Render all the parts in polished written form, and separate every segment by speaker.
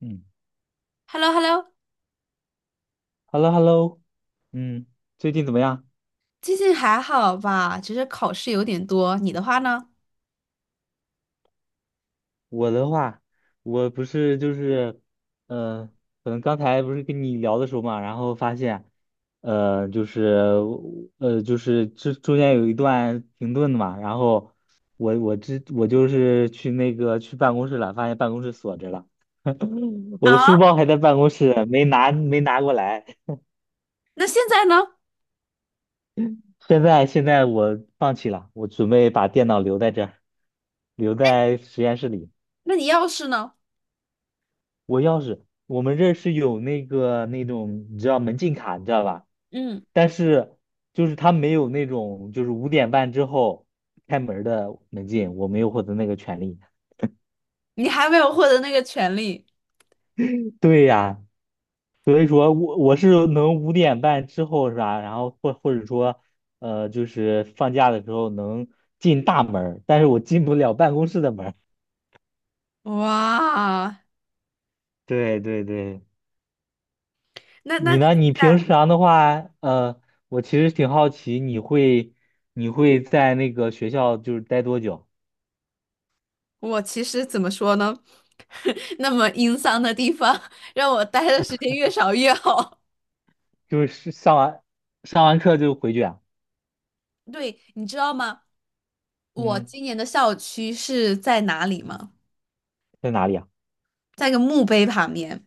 Speaker 1: 嗯
Speaker 2: Hello Hello
Speaker 1: ，Hello Hello。嗯，最近怎么样？
Speaker 2: 最近还好吧？只是考试有点多。你的话呢？
Speaker 1: 我的话，我不是就是，呃，可能刚才不是跟你聊的时候嘛，然后发现，呃，就是就是这中间有一段停顿的嘛，然后我就是去那个去办公室了，发现办公室锁着了。我的
Speaker 2: 啊，
Speaker 1: 书包还在办公室，没拿过来。
Speaker 2: 那现在呢？
Speaker 1: 现在我放弃了，我准备把电脑留在这儿，留在实验室里。
Speaker 2: 那你要是呢？
Speaker 1: 我钥匙，我们这儿是有那个那种，你知道门禁卡，你知道吧？
Speaker 2: 嗯，
Speaker 1: 但是他没有那种，就是五点半之后开门儿的门禁，我没有获得那个权利。
Speaker 2: 你还没有获得那个权利。
Speaker 1: 对呀，所以说我是能五点半之后是吧？然后或者说，就是放假的时候能进大门儿，但是我进不了办公室的门儿。
Speaker 2: 哇，
Speaker 1: 对对对。
Speaker 2: 那
Speaker 1: 你
Speaker 2: 你
Speaker 1: 呢？
Speaker 2: 现
Speaker 1: 你平
Speaker 2: 在，
Speaker 1: 常的话，我其实挺好奇，你会在那个学校就是待多久？
Speaker 2: 我其实怎么说呢？那么阴丧的地方，让我待的时间越少越好。
Speaker 1: 就是上完课就回去啊？
Speaker 2: 对，你知道吗？我
Speaker 1: 嗯，
Speaker 2: 今年的校区是在哪里吗？
Speaker 1: 在哪里啊？
Speaker 2: 在一个墓碑旁边。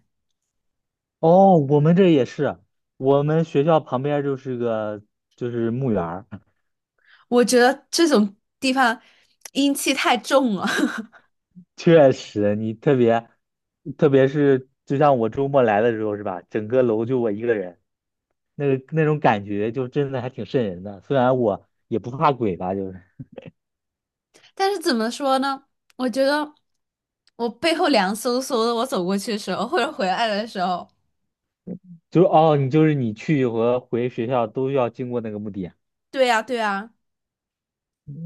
Speaker 1: 哦，我们这也是，我们学校旁边儿就是个就是墓园儿。
Speaker 2: 我觉得这种地方阴气太重了。
Speaker 1: 确实，你特别特别是就像我周末来的时候是吧？整个楼就我一个人，那个那种感觉就真的还挺瘆人的。虽然我也不怕鬼吧，就是。
Speaker 2: 但是怎么说呢？我觉得我背后凉飕飕的，我走过去的时候，或者回来的时候，
Speaker 1: 就是哦，你就是你去和回学校都要经过那个墓地啊。
Speaker 2: 对呀，对呀，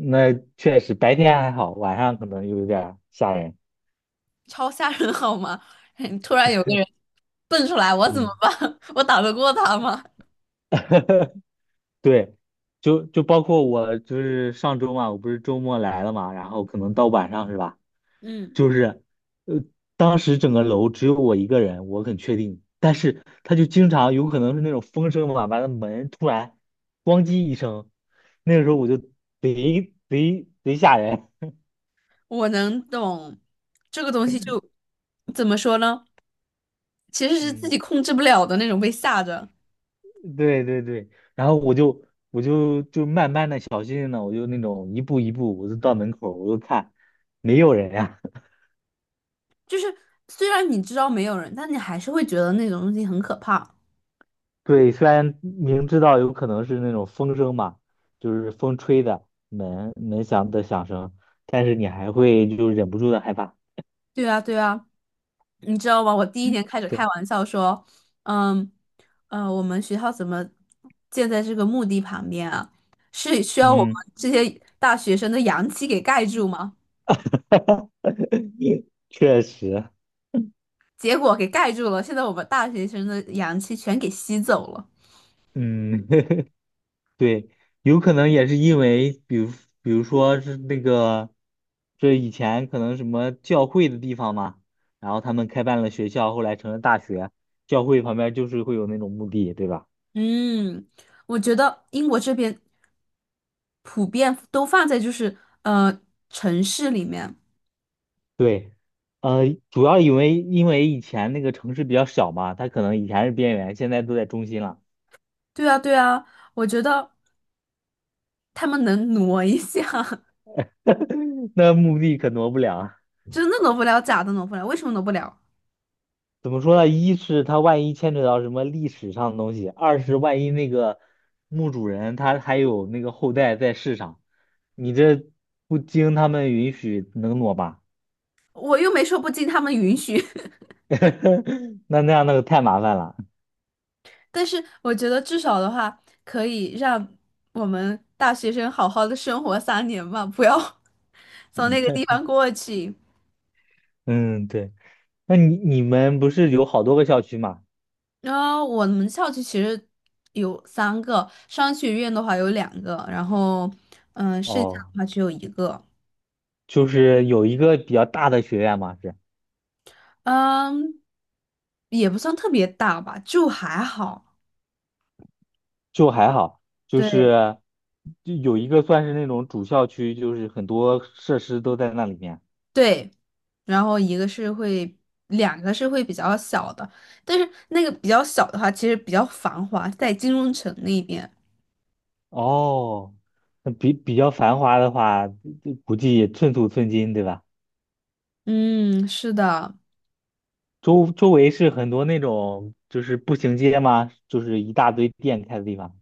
Speaker 1: 那确实白天还好，晚上可能有点儿吓人。
Speaker 2: 超吓人好吗？突然有个人蹦出来，我怎么
Speaker 1: 嗯，
Speaker 2: 办？我打得过他吗？
Speaker 1: 对，就包括我就是上周嘛，我不是周末来了嘛，然后可能到晚上是吧？
Speaker 2: 嗯，
Speaker 1: 就是，呃，当时整个楼只有我一个人，我很确定。但是他就经常有可能是那种风声嘛，把那门突然咣叽一声，那个时候我就贼吓人。
Speaker 2: 我能懂这个东西就怎么说呢？其实是自
Speaker 1: 嗯。
Speaker 2: 己控制不了的那种被吓着，
Speaker 1: 对对对，然后我就慢慢的、小心心的，我就那种一步一步，我就到门口，我就看，没有人呀。
Speaker 2: 就是虽然你知道没有人，但你还是会觉得那种东西很可怕。
Speaker 1: 对，虽然明知道有可能是那种风声嘛，就是风吹的门门响的响声，但是你还会就忍不住的害怕。
Speaker 2: 对啊，对啊，你知道吗？我第一年开始开
Speaker 1: 对。
Speaker 2: 玩笑说，嗯，我们学校怎么建在这个墓地旁边啊？是需要我们
Speaker 1: 嗯，
Speaker 2: 这些大学生的阳气给盖住吗？
Speaker 1: 确实。
Speaker 2: 结果给盖住了，现在我们大学生的阳气全给吸走了。
Speaker 1: 嗯，对，有可能也是因为，比如比如说是那个，这以前可能什么教会的地方嘛，然后他们开办了学校，后来成了大学，教会旁边就是会有那种墓地，对吧？
Speaker 2: 嗯，我觉得英国这边普遍都放在就是呃城市里面。
Speaker 1: 对，呃，主要因为以前那个城市比较小嘛，它可能以前是边缘，现在都在中心了。
Speaker 2: 对啊，对啊，我觉得他们能挪一下，
Speaker 1: 那墓地可挪不了。
Speaker 2: 真的挪不了，假的挪不了，为什么挪不了？
Speaker 1: 怎么说呢？一是他万一牵扯到什么历史上的东西，二是万一那个墓主人他还有那个后代在世上，你这不经他们允许能挪吧？
Speaker 2: 我又没说不经他们允许。
Speaker 1: 那那样那个太麻烦了。
Speaker 2: 但是我觉得至少的话，可以让我们大学生好好的生活3年吧，不要 从那个地方过去。
Speaker 1: 嗯，对。那你你们不是有好多个校区吗？
Speaker 2: 然后我们校区其实有3个，商学院的话有两个，然后剩下
Speaker 1: 哦，
Speaker 2: 的话只有一个，
Speaker 1: 就是有一个比较大的学院嘛，是
Speaker 2: 嗯，也不算特别大吧，就还好。
Speaker 1: 就还好，就
Speaker 2: 对。
Speaker 1: 是就有一个算是那种主校区，就是很多设施都在那里面。
Speaker 2: 对，然后一个是会，两个是会比较小的，但是那个比较小的话，其实比较繁华，在金融城那边。
Speaker 1: 哦，那比较繁华的话，估计也寸土寸金，对吧？
Speaker 2: 嗯，是的，
Speaker 1: 周围是很多那种就是步行街吗？就是一大堆店开的地方。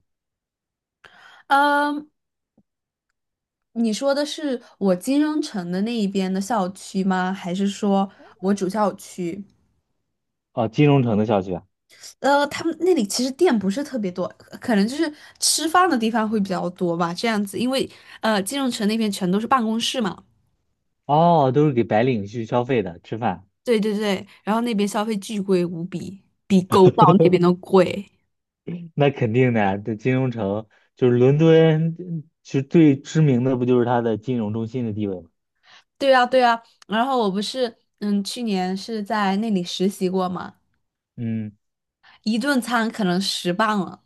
Speaker 2: 嗯，你说的是我金融城的那一边的校区吗？还是说我主校区？
Speaker 1: 哦，金融城的校区啊。
Speaker 2: 他们那里其实店不是特别多，可能就是吃饭的地方会比较多吧，这样子，因为金融城那边全都是办公室嘛。
Speaker 1: 哦，都是给白领去消费的，吃饭。
Speaker 2: 对对对，然后那边消费巨贵无比，比狗岛那边都贵。
Speaker 1: 那肯定的，这金融城就是伦敦，嗯其实最知名的不就是它的金融中心的地位吗？
Speaker 2: 对啊，对啊，然后我不是，去年是在那里实习过嘛，
Speaker 1: 嗯，
Speaker 2: 一顿餐可能十磅了，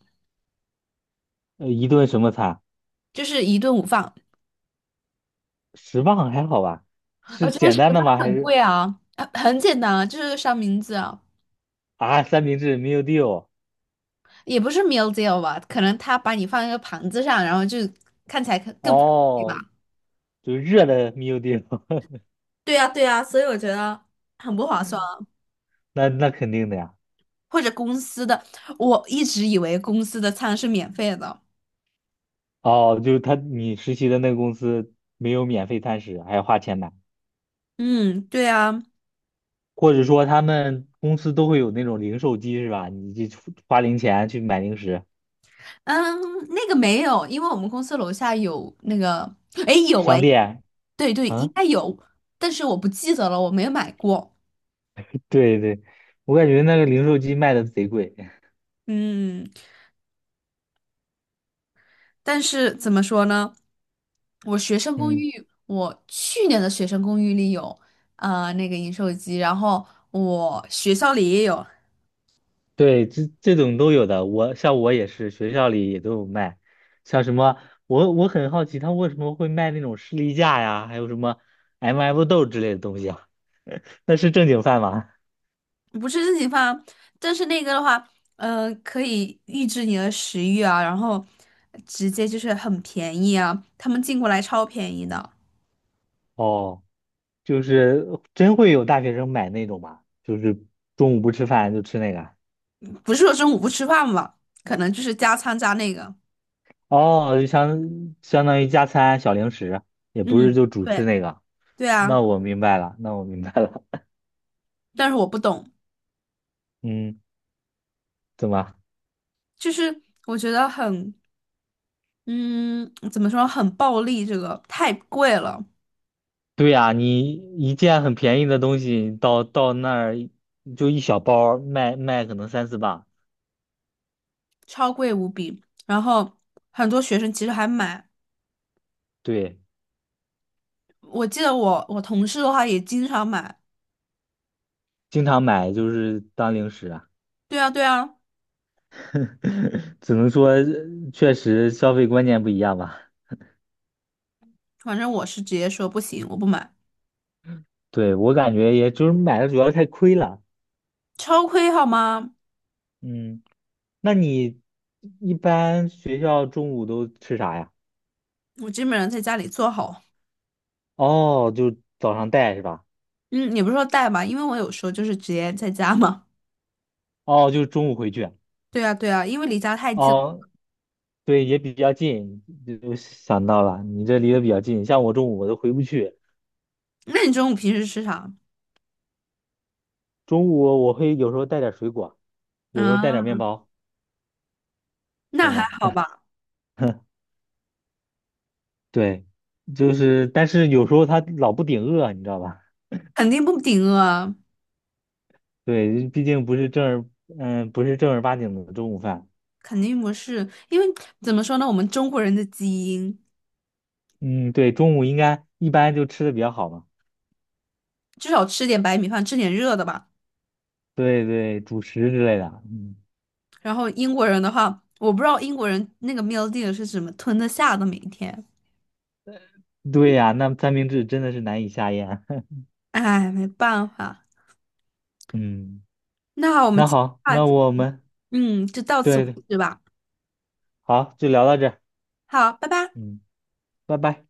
Speaker 1: 一顿什么餐？
Speaker 2: 就是一顿午饭，
Speaker 1: 十磅还好吧？
Speaker 2: 而
Speaker 1: 是
Speaker 2: 且
Speaker 1: 简
Speaker 2: 十
Speaker 1: 单
Speaker 2: 磅
Speaker 1: 的吗？还
Speaker 2: 很
Speaker 1: 是
Speaker 2: 贵啊，啊很简单啊，就是三明治啊，
Speaker 1: 啊，三明治 meal deal？
Speaker 2: 也不是 meal deal 吧，可能他把你放一个盘子上，然后就看起来更对
Speaker 1: 哦，
Speaker 2: 吧？
Speaker 1: 就是热的没有地方。
Speaker 2: 对呀，对呀，所以我觉得很不划算啊，
Speaker 1: 那那肯定的呀。
Speaker 2: 或者公司的，我一直以为公司的餐是免费的。
Speaker 1: 哦，就是他你实习的那个公司没有免费餐食，还要花钱买，
Speaker 2: 嗯，对啊，
Speaker 1: 或者说他们公司都会有那种零售机是吧？你就花零钱去买零食，
Speaker 2: 嗯，那个没有，因为我们公司楼下有那个，哎，有哎，
Speaker 1: 商店
Speaker 2: 对对，应
Speaker 1: 啊。
Speaker 2: 该有，但是我不记得了，我没有买过。
Speaker 1: 对对，我感觉那个零售机卖的贼贵。
Speaker 2: 嗯，但是怎么说呢？我学生公
Speaker 1: 嗯，
Speaker 2: 寓，我去年的学生公寓里有，那个饮水机，然后我学校里也有，
Speaker 1: 对，这这种都有的，我像我也是，学校里也都有卖，像什么我很好奇他为什么会卖那种士力架呀，还有什么 MF 豆之类的东西啊。那是正经饭吗？
Speaker 2: 不是自己放，但是那个的话，可以抑制你的食欲啊，然后直接就是很便宜啊，他们进过来超便宜的，
Speaker 1: 哦，就是真会有大学生买那种吗？就是中午不吃饭就吃那个？
Speaker 2: 不是说中午不吃饭吧，可能就是加餐加那个，
Speaker 1: 哦，就相当于加餐小零食，也不是
Speaker 2: 嗯，
Speaker 1: 就主吃
Speaker 2: 对
Speaker 1: 那个。
Speaker 2: 对啊，
Speaker 1: 那我明白了，那我明白了。
Speaker 2: 但是我不懂，
Speaker 1: 嗯，怎么？
Speaker 2: 就是我觉得很，嗯，怎么说，很暴利，这个太贵了，
Speaker 1: 对呀，你一件很便宜的东西到那儿就一小包儿卖可能三四磅。
Speaker 2: 超贵无比，然后很多学生其实还买，
Speaker 1: 对，
Speaker 2: 我记得我同事的话也经常买，
Speaker 1: 经常买就是当零食啊。
Speaker 2: 对啊对啊。
Speaker 1: 只能说确实消费观念不一样吧。
Speaker 2: 反正我是直接说不行，我不买，
Speaker 1: 对，我感觉也就是买的主要太亏了。
Speaker 2: 超亏好吗？
Speaker 1: 嗯，那你一般学校中午都吃啥呀？
Speaker 2: 我基本上在家里做好，
Speaker 1: 哦，就早上带是吧？
Speaker 2: 嗯，也不是说带吧，因为我有时候就是直接在家嘛。
Speaker 1: 哦，就中午回去啊。
Speaker 2: 对啊，对啊，因为离家太近了
Speaker 1: 哦，对，也比较近，就想到了，你这离得比较近。像我中午我都回不去，
Speaker 2: 那你中午平时吃啥？
Speaker 1: 中午我会有时候带点水果，有时候带点面
Speaker 2: 嗯，
Speaker 1: 包，
Speaker 2: 那
Speaker 1: 懂
Speaker 2: 还
Speaker 1: 吗？
Speaker 2: 好 吧，
Speaker 1: 对，就是，但是有时候他老不顶饿，你知道吧？
Speaker 2: 肯定不顶饿啊，
Speaker 1: 对，毕竟不是正儿，嗯，不是正儿八经的中午饭。
Speaker 2: 肯定不是，因为怎么说呢，我们中国人的基因
Speaker 1: 嗯，对，中午应该一般就吃的比较好嘛。
Speaker 2: 至少吃点白米饭，吃点热的吧。
Speaker 1: 对对，主食之类的。嗯，
Speaker 2: 然后英国人的话，我不知道英国人那个 meal deal 是怎么吞得下的，每一天。
Speaker 1: 对呀，那三明治真的是难以下咽。
Speaker 2: 哎，没办法。
Speaker 1: 嗯，
Speaker 2: 那我们
Speaker 1: 那
Speaker 2: 今
Speaker 1: 好，
Speaker 2: 天
Speaker 1: 那我们
Speaker 2: 就到此
Speaker 1: 对，
Speaker 2: 为
Speaker 1: 对，
Speaker 2: 止吧。
Speaker 1: 好，就聊到这儿。
Speaker 2: 好，拜拜。
Speaker 1: 嗯，拜拜。